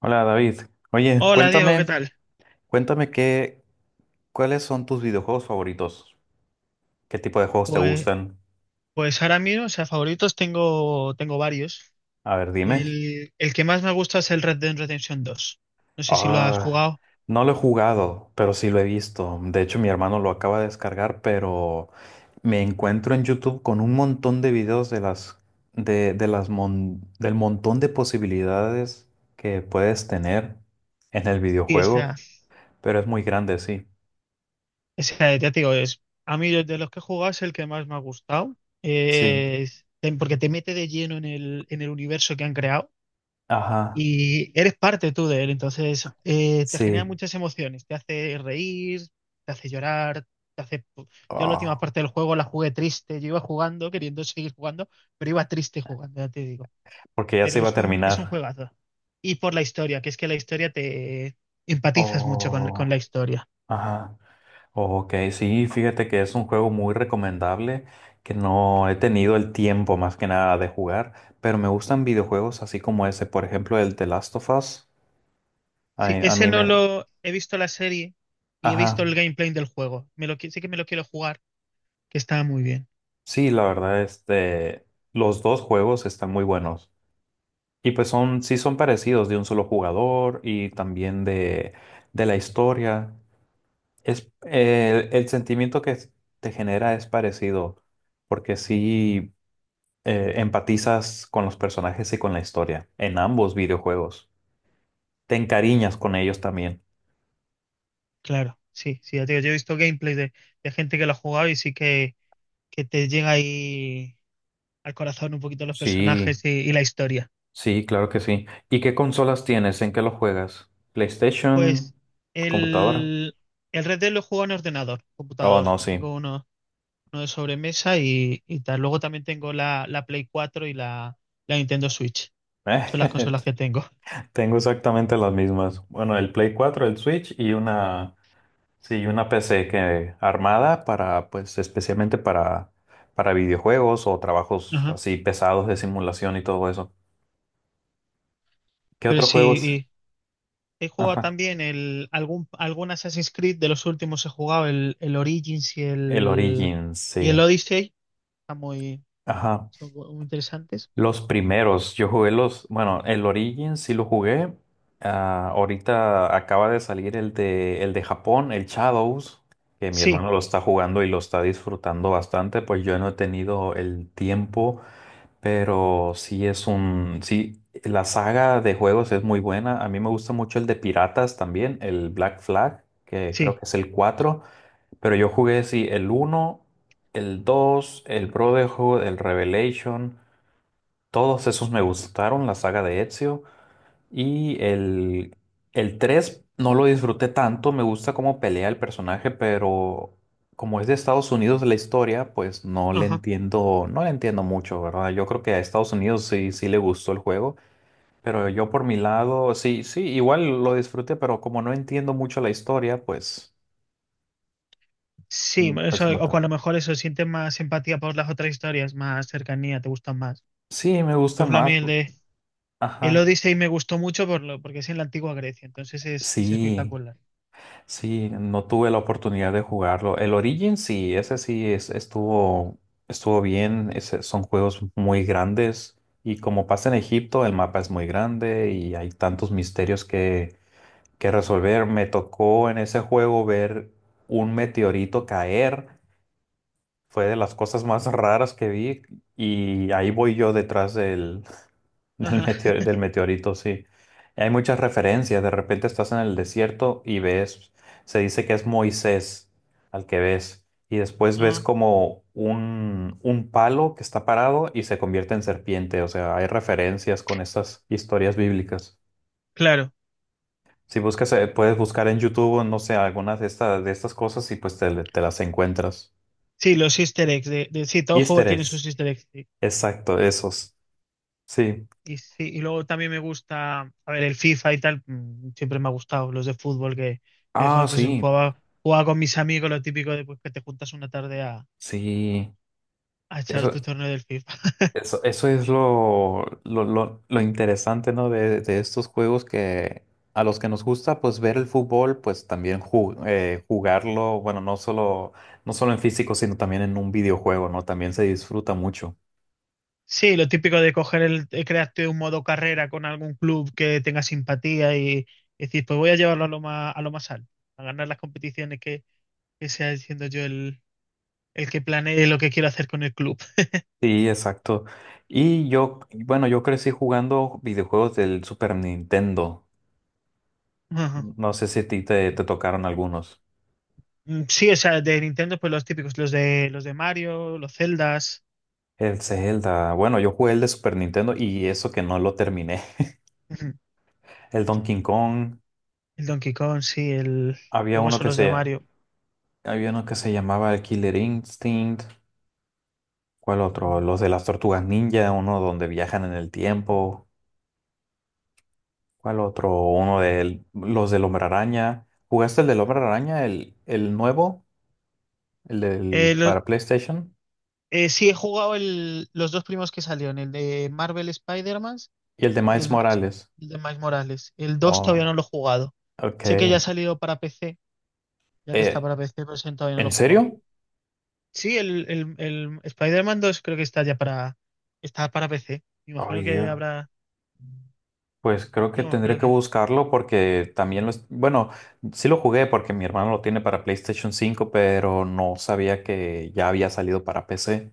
Hola David. Oye, Hola Diego, ¿qué cuéntame, tal? cuéntame qué, cuáles son tus videojuegos favoritos. ¿Qué tipo de juegos te Pues, gustan? pues, ahora mismo, o sea, favoritos tengo varios. A ver, dime. El que más me gusta es el Red Dead Redemption dos. No sé si lo has Ah, jugado. no lo he jugado, pero sí lo he visto. De hecho, mi hermano lo acaba de descargar, pero me encuentro en YouTube con un montón de videos de las mon- del montón de posibilidades que puedes tener en el Sí, o sea, videojuego, pero es muy grande, sí. o sea, ya te digo, es, a mí de los que he jugado es el que más me ha gustado. Sí. Eh, es- Porque te mete de lleno en el universo que han creado. Ajá. Y eres parte tú de él, entonces te genera Sí. muchas emociones, te hace reír, te hace llorar, te hace. Yo la última Ah. parte del juego la jugué triste, yo iba jugando, queriendo seguir jugando, pero iba triste jugando, ya te digo. Porque ya se Pero iba a es un terminar. juegazo. Y por la historia, que es que la historia te empatizas mucho con Oh, la historia. ajá. Ok, sí, fíjate que es un juego muy recomendable que no he tenido el tiempo más que nada de jugar, pero me gustan videojuegos así como ese, por ejemplo, el The Last of Us. Sí, A, a ese mí no me... lo he visto la serie y he visto Ajá. el gameplay del juego. Sí que me lo quiero jugar, que está muy bien. Sí, la verdad, los dos juegos están muy buenos. Y pues son, sí son parecidos de un solo jugador y también de la historia. El sentimiento que te genera es parecido, porque sí empatizas con los personajes y con la historia, en ambos videojuegos. Te encariñas con ellos también. Claro, sí, sí, ya te digo, yo he visto gameplays de gente que lo ha jugado y sí que te llega ahí al corazón un poquito los Sí, personajes y la historia. sí, claro que sí. ¿Y qué consolas tienes? ¿En qué lo juegas? ¿PlayStation? Pues ¿Computadora? el, el Red Dead lo he jugado en ordenador, Oh, computador. no, sí. Tengo uno de sobremesa y tal. Luego también tengo la Play 4 y la Nintendo Switch. Son las consolas que tengo. Tengo exactamente las mismas. Bueno, el Play cuatro, el Switch y una... Sí, una PC que armada para, pues, especialmente para videojuegos o trabajos Ajá. así pesados de simulación y todo eso. ¿Qué Pero otros juegos? sí, y he jugado Ajá. también el, algún Assassin's Creed de los últimos he jugado, el Origins y El el, Origins, y el sí. Odyssey. Están muy, Ajá. Son muy interesantes. Los primeros, yo jugué los, bueno, el Origins sí lo jugué. Ah, ahorita acaba de salir el de Japón, el Shadows, que mi Sí, hermano lo está jugando y lo está disfrutando bastante, pues yo no he tenido el tiempo. Pero sí es un, sí, la saga de juegos es muy buena. A mí me gusta mucho el de piratas también, el Black Flag, que creo que sí. es el cuatro, pero yo jugué sí el uno, el dos, el Brotherhood, el Revelation, todos esos me gustaron, la saga de Ezio. Y el, el 3 no lo disfruté tanto, me gusta cómo pelea el personaje, pero como es de Estados Unidos la historia, pues no le Ajá. entiendo, no le entiendo mucho, ¿verdad? Yo creo que a Estados Unidos sí, sí le gustó el juego, pero yo por mi lado, sí, sí, igual lo disfruté, pero como no entiendo mucho la historia, pues, Sí, bueno, pues eso, no o con tanto. lo mejor eso, sientes más empatía por las otras historias, más cercanía, te gustan más. Sí, me Por gustan ejemplo, a mí más. El Ajá. Odyssey me gustó mucho porque es en la antigua Grecia, entonces es Sí. espectacular. Sí, no tuve la oportunidad de jugarlo. El Origin sí, estuvo, estuvo bien. Ese- son juegos muy grandes y como pasa en Egipto, el mapa es muy grande y hay tantos misterios que resolver. Me tocó en ese juego ver un meteorito caer. Fue de las cosas más raras que vi y ahí voy yo detrás Ajá. Del meteorito, sí. Hay muchas referencias. De repente estás en el desierto y ves, se dice que es Moisés al que ves. Y después ves Ah, como un palo que está parado y se convierte en serpiente. O sea, hay referencias con estas historias bíblicas. claro, Si buscas, puedes buscar en YouTube, o no sé, algunas de estas cosas y pues te las encuentras. sí, los easter eggs, sí, todo juego Easter tiene eggs. sus easter eggs. Sí. Exacto, esos. Sí. Sí, y luego también me gusta, a ver, el FIFA y tal, siempre me ha gustado, los de fútbol que de Ah, joven pues sí. jugaba, con mis amigos, lo típico de pues, que te juntas una tarde Sí. a echar Eso. tu torneo del FIFA. Eso es lo interesante, ¿no? De estos juegos que a los que nos gusta, pues ver el fútbol, pues también jugarlo, bueno, no solo, no solo en físico, sino también en un videojuego, ¿no? También se disfruta mucho. Sí, lo típico de coger crearte un modo carrera con algún club que tenga simpatía y, decir, pues voy a llevarlo a lo más alto, a ganar las competiciones que sea siendo yo el que planee lo que quiero hacer con el club. Sí, exacto. Y yo, bueno, yo crecí jugando videojuegos del Super Nintendo. Ajá. No sé si a ti te tocaron algunos. Mm, sí, o sea, de Nintendo, pues los típicos, los de Mario, los Zeldas, El Zelda, bueno, yo jugué el de Super Nintendo y eso que no lo terminé. ujú, El Donkey Kong. el Donkey Kong, sí, el Había luego uno son que los de se, Mario. Había uno que se llamaba el Killer Instinct. ¿Cuál otro? Mm. Los de las tortugas ninja, uno donde viajan en el tiempo. ¿Cuál otro? Uno de los del Hombre Araña. ¿Jugaste el del Hombre Araña, el nuevo, el Eh, del lo- para PlayStation? Sí, he jugado los dos primos que salieron, el de Marvel Spider-Man Y el de y el, Miles Miles- Morales. el de Miles Morales. El dos todavía Oh, no lo he jugado. ok. Sé que ya ha salido para PC, ya que está Eh, para PC, pero ese todavía no lo he ¿En jugado. serio? Sí, el Spider-Man 2 creo que está ya para, está para PC. Me Ay, imagino que Dios. habrá, Pues creo que digamos, tendré creo que que buscarlo porque también lo... es- Bueno, sí lo jugué porque mi hermano lo tiene para PlayStation 5, pero no sabía que ya había salido para PC.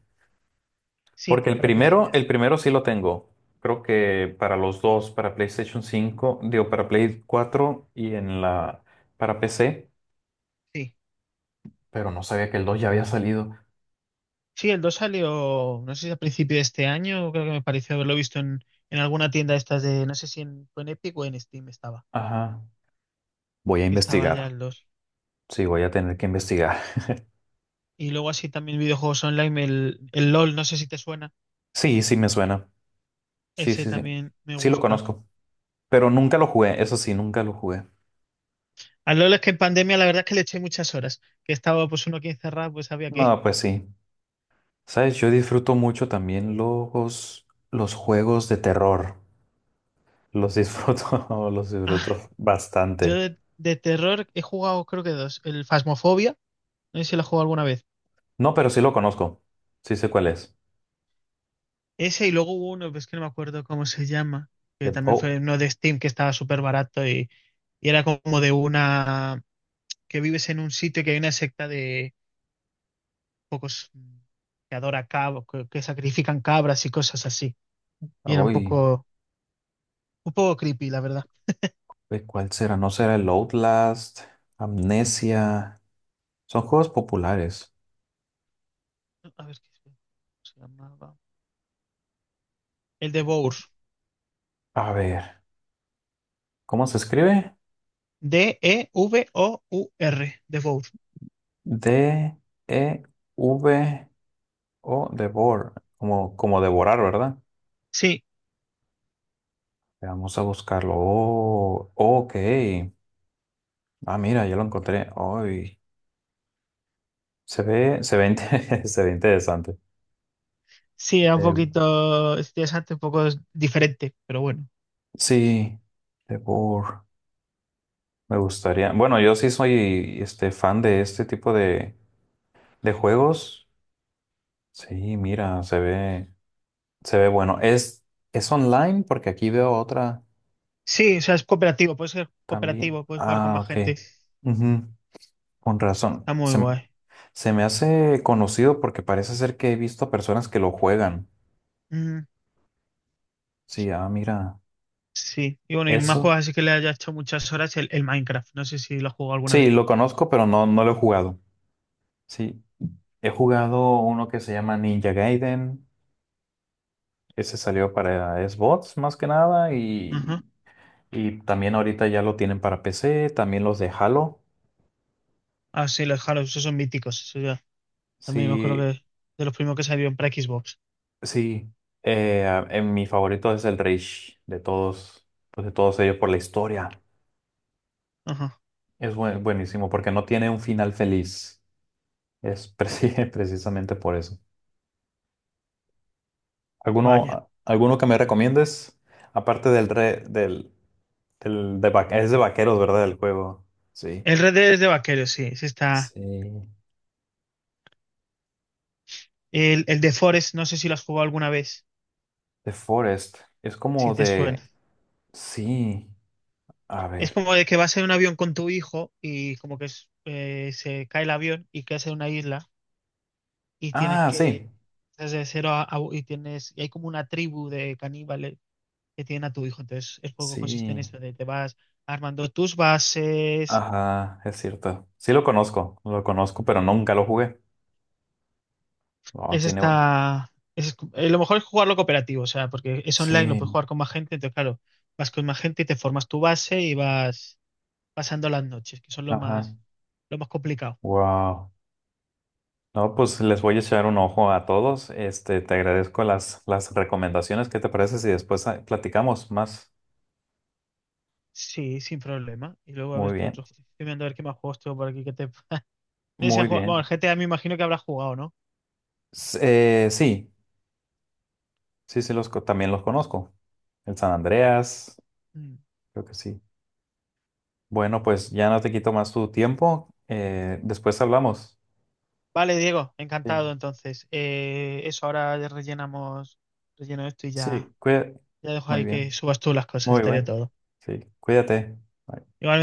sí, Porque para PC ya el está. primero sí lo tengo. Creo que para los dos, para PlayStation 5 digo, para Play 4 y en la, para PC, Sí. pero no sabía que el 2 ya había salido. Sí, el dos salió, no sé si a principio de este año, creo que me pareció haberlo visto en alguna tienda de estas de, no sé si en, fue en Epic o en Steam estaba, Ajá. Voy a que estaba ya investigar. el dos. Sí, voy a tener que investigar. Y luego así también videojuegos online, el LOL, no sé si te suena. Sí, sí me suena. Sí, Ese sí, sí. también me Sí lo gusta. conozco, pero nunca lo jugué. Eso sí, nunca lo jugué. Al LOL es que en pandemia la verdad es que le eché muchas horas. Que estaba pues uno aquí encerrado, pues había que. No, pues sí. Sabes, yo disfruto mucho también los juegos de terror. Los disfruto, los Ah, disfruto yo bastante. de terror he jugado creo que dos. El Phasmophobia, no sé si lo he jugado alguna vez. No, pero sí lo conozco. Sí sé cuál es. Ese y luego hubo uno, pues que no me acuerdo cómo se llama. Que El- también oh, fue uno de Steam que estaba súper barato y era como de una. Que vives en un sitio y que hay una secta de pocos que adora cabos, que sacrifican cabras y cosas así. Y era un uy, poco, un poco creepy, la verdad. uy, ¿cuál será? ¿No será el Outlast? Amnesia. Son juegos populares. A ver qué se llamaba. El de Devour. A ver, ¿cómo se escribe? Devour. Devour. D, E, V, O, Devor. Como, como devorar, ¿verdad? Sí, Vamos a buscarlo. Oh, ok. Ah, mira, ya lo encontré. Uy, se ve, inte- se ve interesante. sí, era un Devo- poquito es interesante, un poco es diferente, pero bueno. sí, Devor. Me gustaría. Bueno, yo sí soy este fan de este tipo de juegos. Sí, mira, se ve bueno. Es online porque aquí veo otra Sí, o sea, es cooperativo, puedes ser también. cooperativo, puedes jugar con Ah, más ok. gente. Ujú, con razón. Está muy Se, m- guay. se me hace conocido porque parece ser que he visto a personas que lo juegan. Mm, Sí, ah, mira. sí, y bueno, y más Eso. juegos así que le haya hecho muchas horas el Minecraft. No sé si lo has jugado alguna Sí, vez lo tú. conozco, pero no, no lo he jugado. Sí. He jugado uno que se llama Ninja Gaiden. Ese salió para Xbox más que nada Ajá. y... Y también ahorita ya lo tienen para PC, también los de Halo. Ah, sí, los Halo, esos son míticos. Eso ya. También me acuerdo Sí, que de los primeros que salieron para Xbox. sí. En mi favorito es el Reach de todos, pues de todos ellos por la historia. Ajá, Es buenísimo porque no tiene un final feliz. Es precisamente por eso. Vaya. Alguno que me recomiendes? Aparte del es de vaqueros, ¿verdad? El juego. Sí. El Red Dead es de vaqueros, sí, sí está. Sí. El de Forest, no sé si lo has jugado alguna vez, The Forest. Es como si te de. suena. Sí. A Es ver. como de que vas en un avión con tu hijo y como que se cae el avión y quedas en una isla y tienes Ah, que sí. desde cero y hay como una tribu de caníbales que tienen a tu hijo. Entonces el juego consiste en Sí, esto de te vas armando tus bases. ajá, es cierto. Sí lo conozco, pero nunca lo jugué. Oh, Es tiene bueno. esta es Lo mejor es jugarlo cooperativo, o sea, porque es online, lo puedes Sí, jugar con más gente, entonces claro, vas con más gente y te formas tu base y vas pasando las noches, que son lo ajá. más Lo más complicado. Wow. No, pues les voy a echar un ojo a todos. Este, te agradezco las recomendaciones. ¿Qué te parece si después platicamos más? Sí, sin problema. Y luego a Muy ver qué bien, otros. Estoy mirando a ver qué más juegos tengo por aquí que te. Muy Bueno, el bien. GTA me imagino que habrás jugado, ¿no? S- sí, sí, también los conozco. El San Andreas, Mm. creo que sí. Bueno, pues ya no te quito más tu tiempo. Después hablamos. Vale, Diego, Sí, encantado entonces. Eso, ahora ya relleno esto y ya, sí, cuida- ya dejo Muy ahí que bien. subas tú las cosas, Muy estaría bueno. todo. Sí, cuídate. Bye. Igual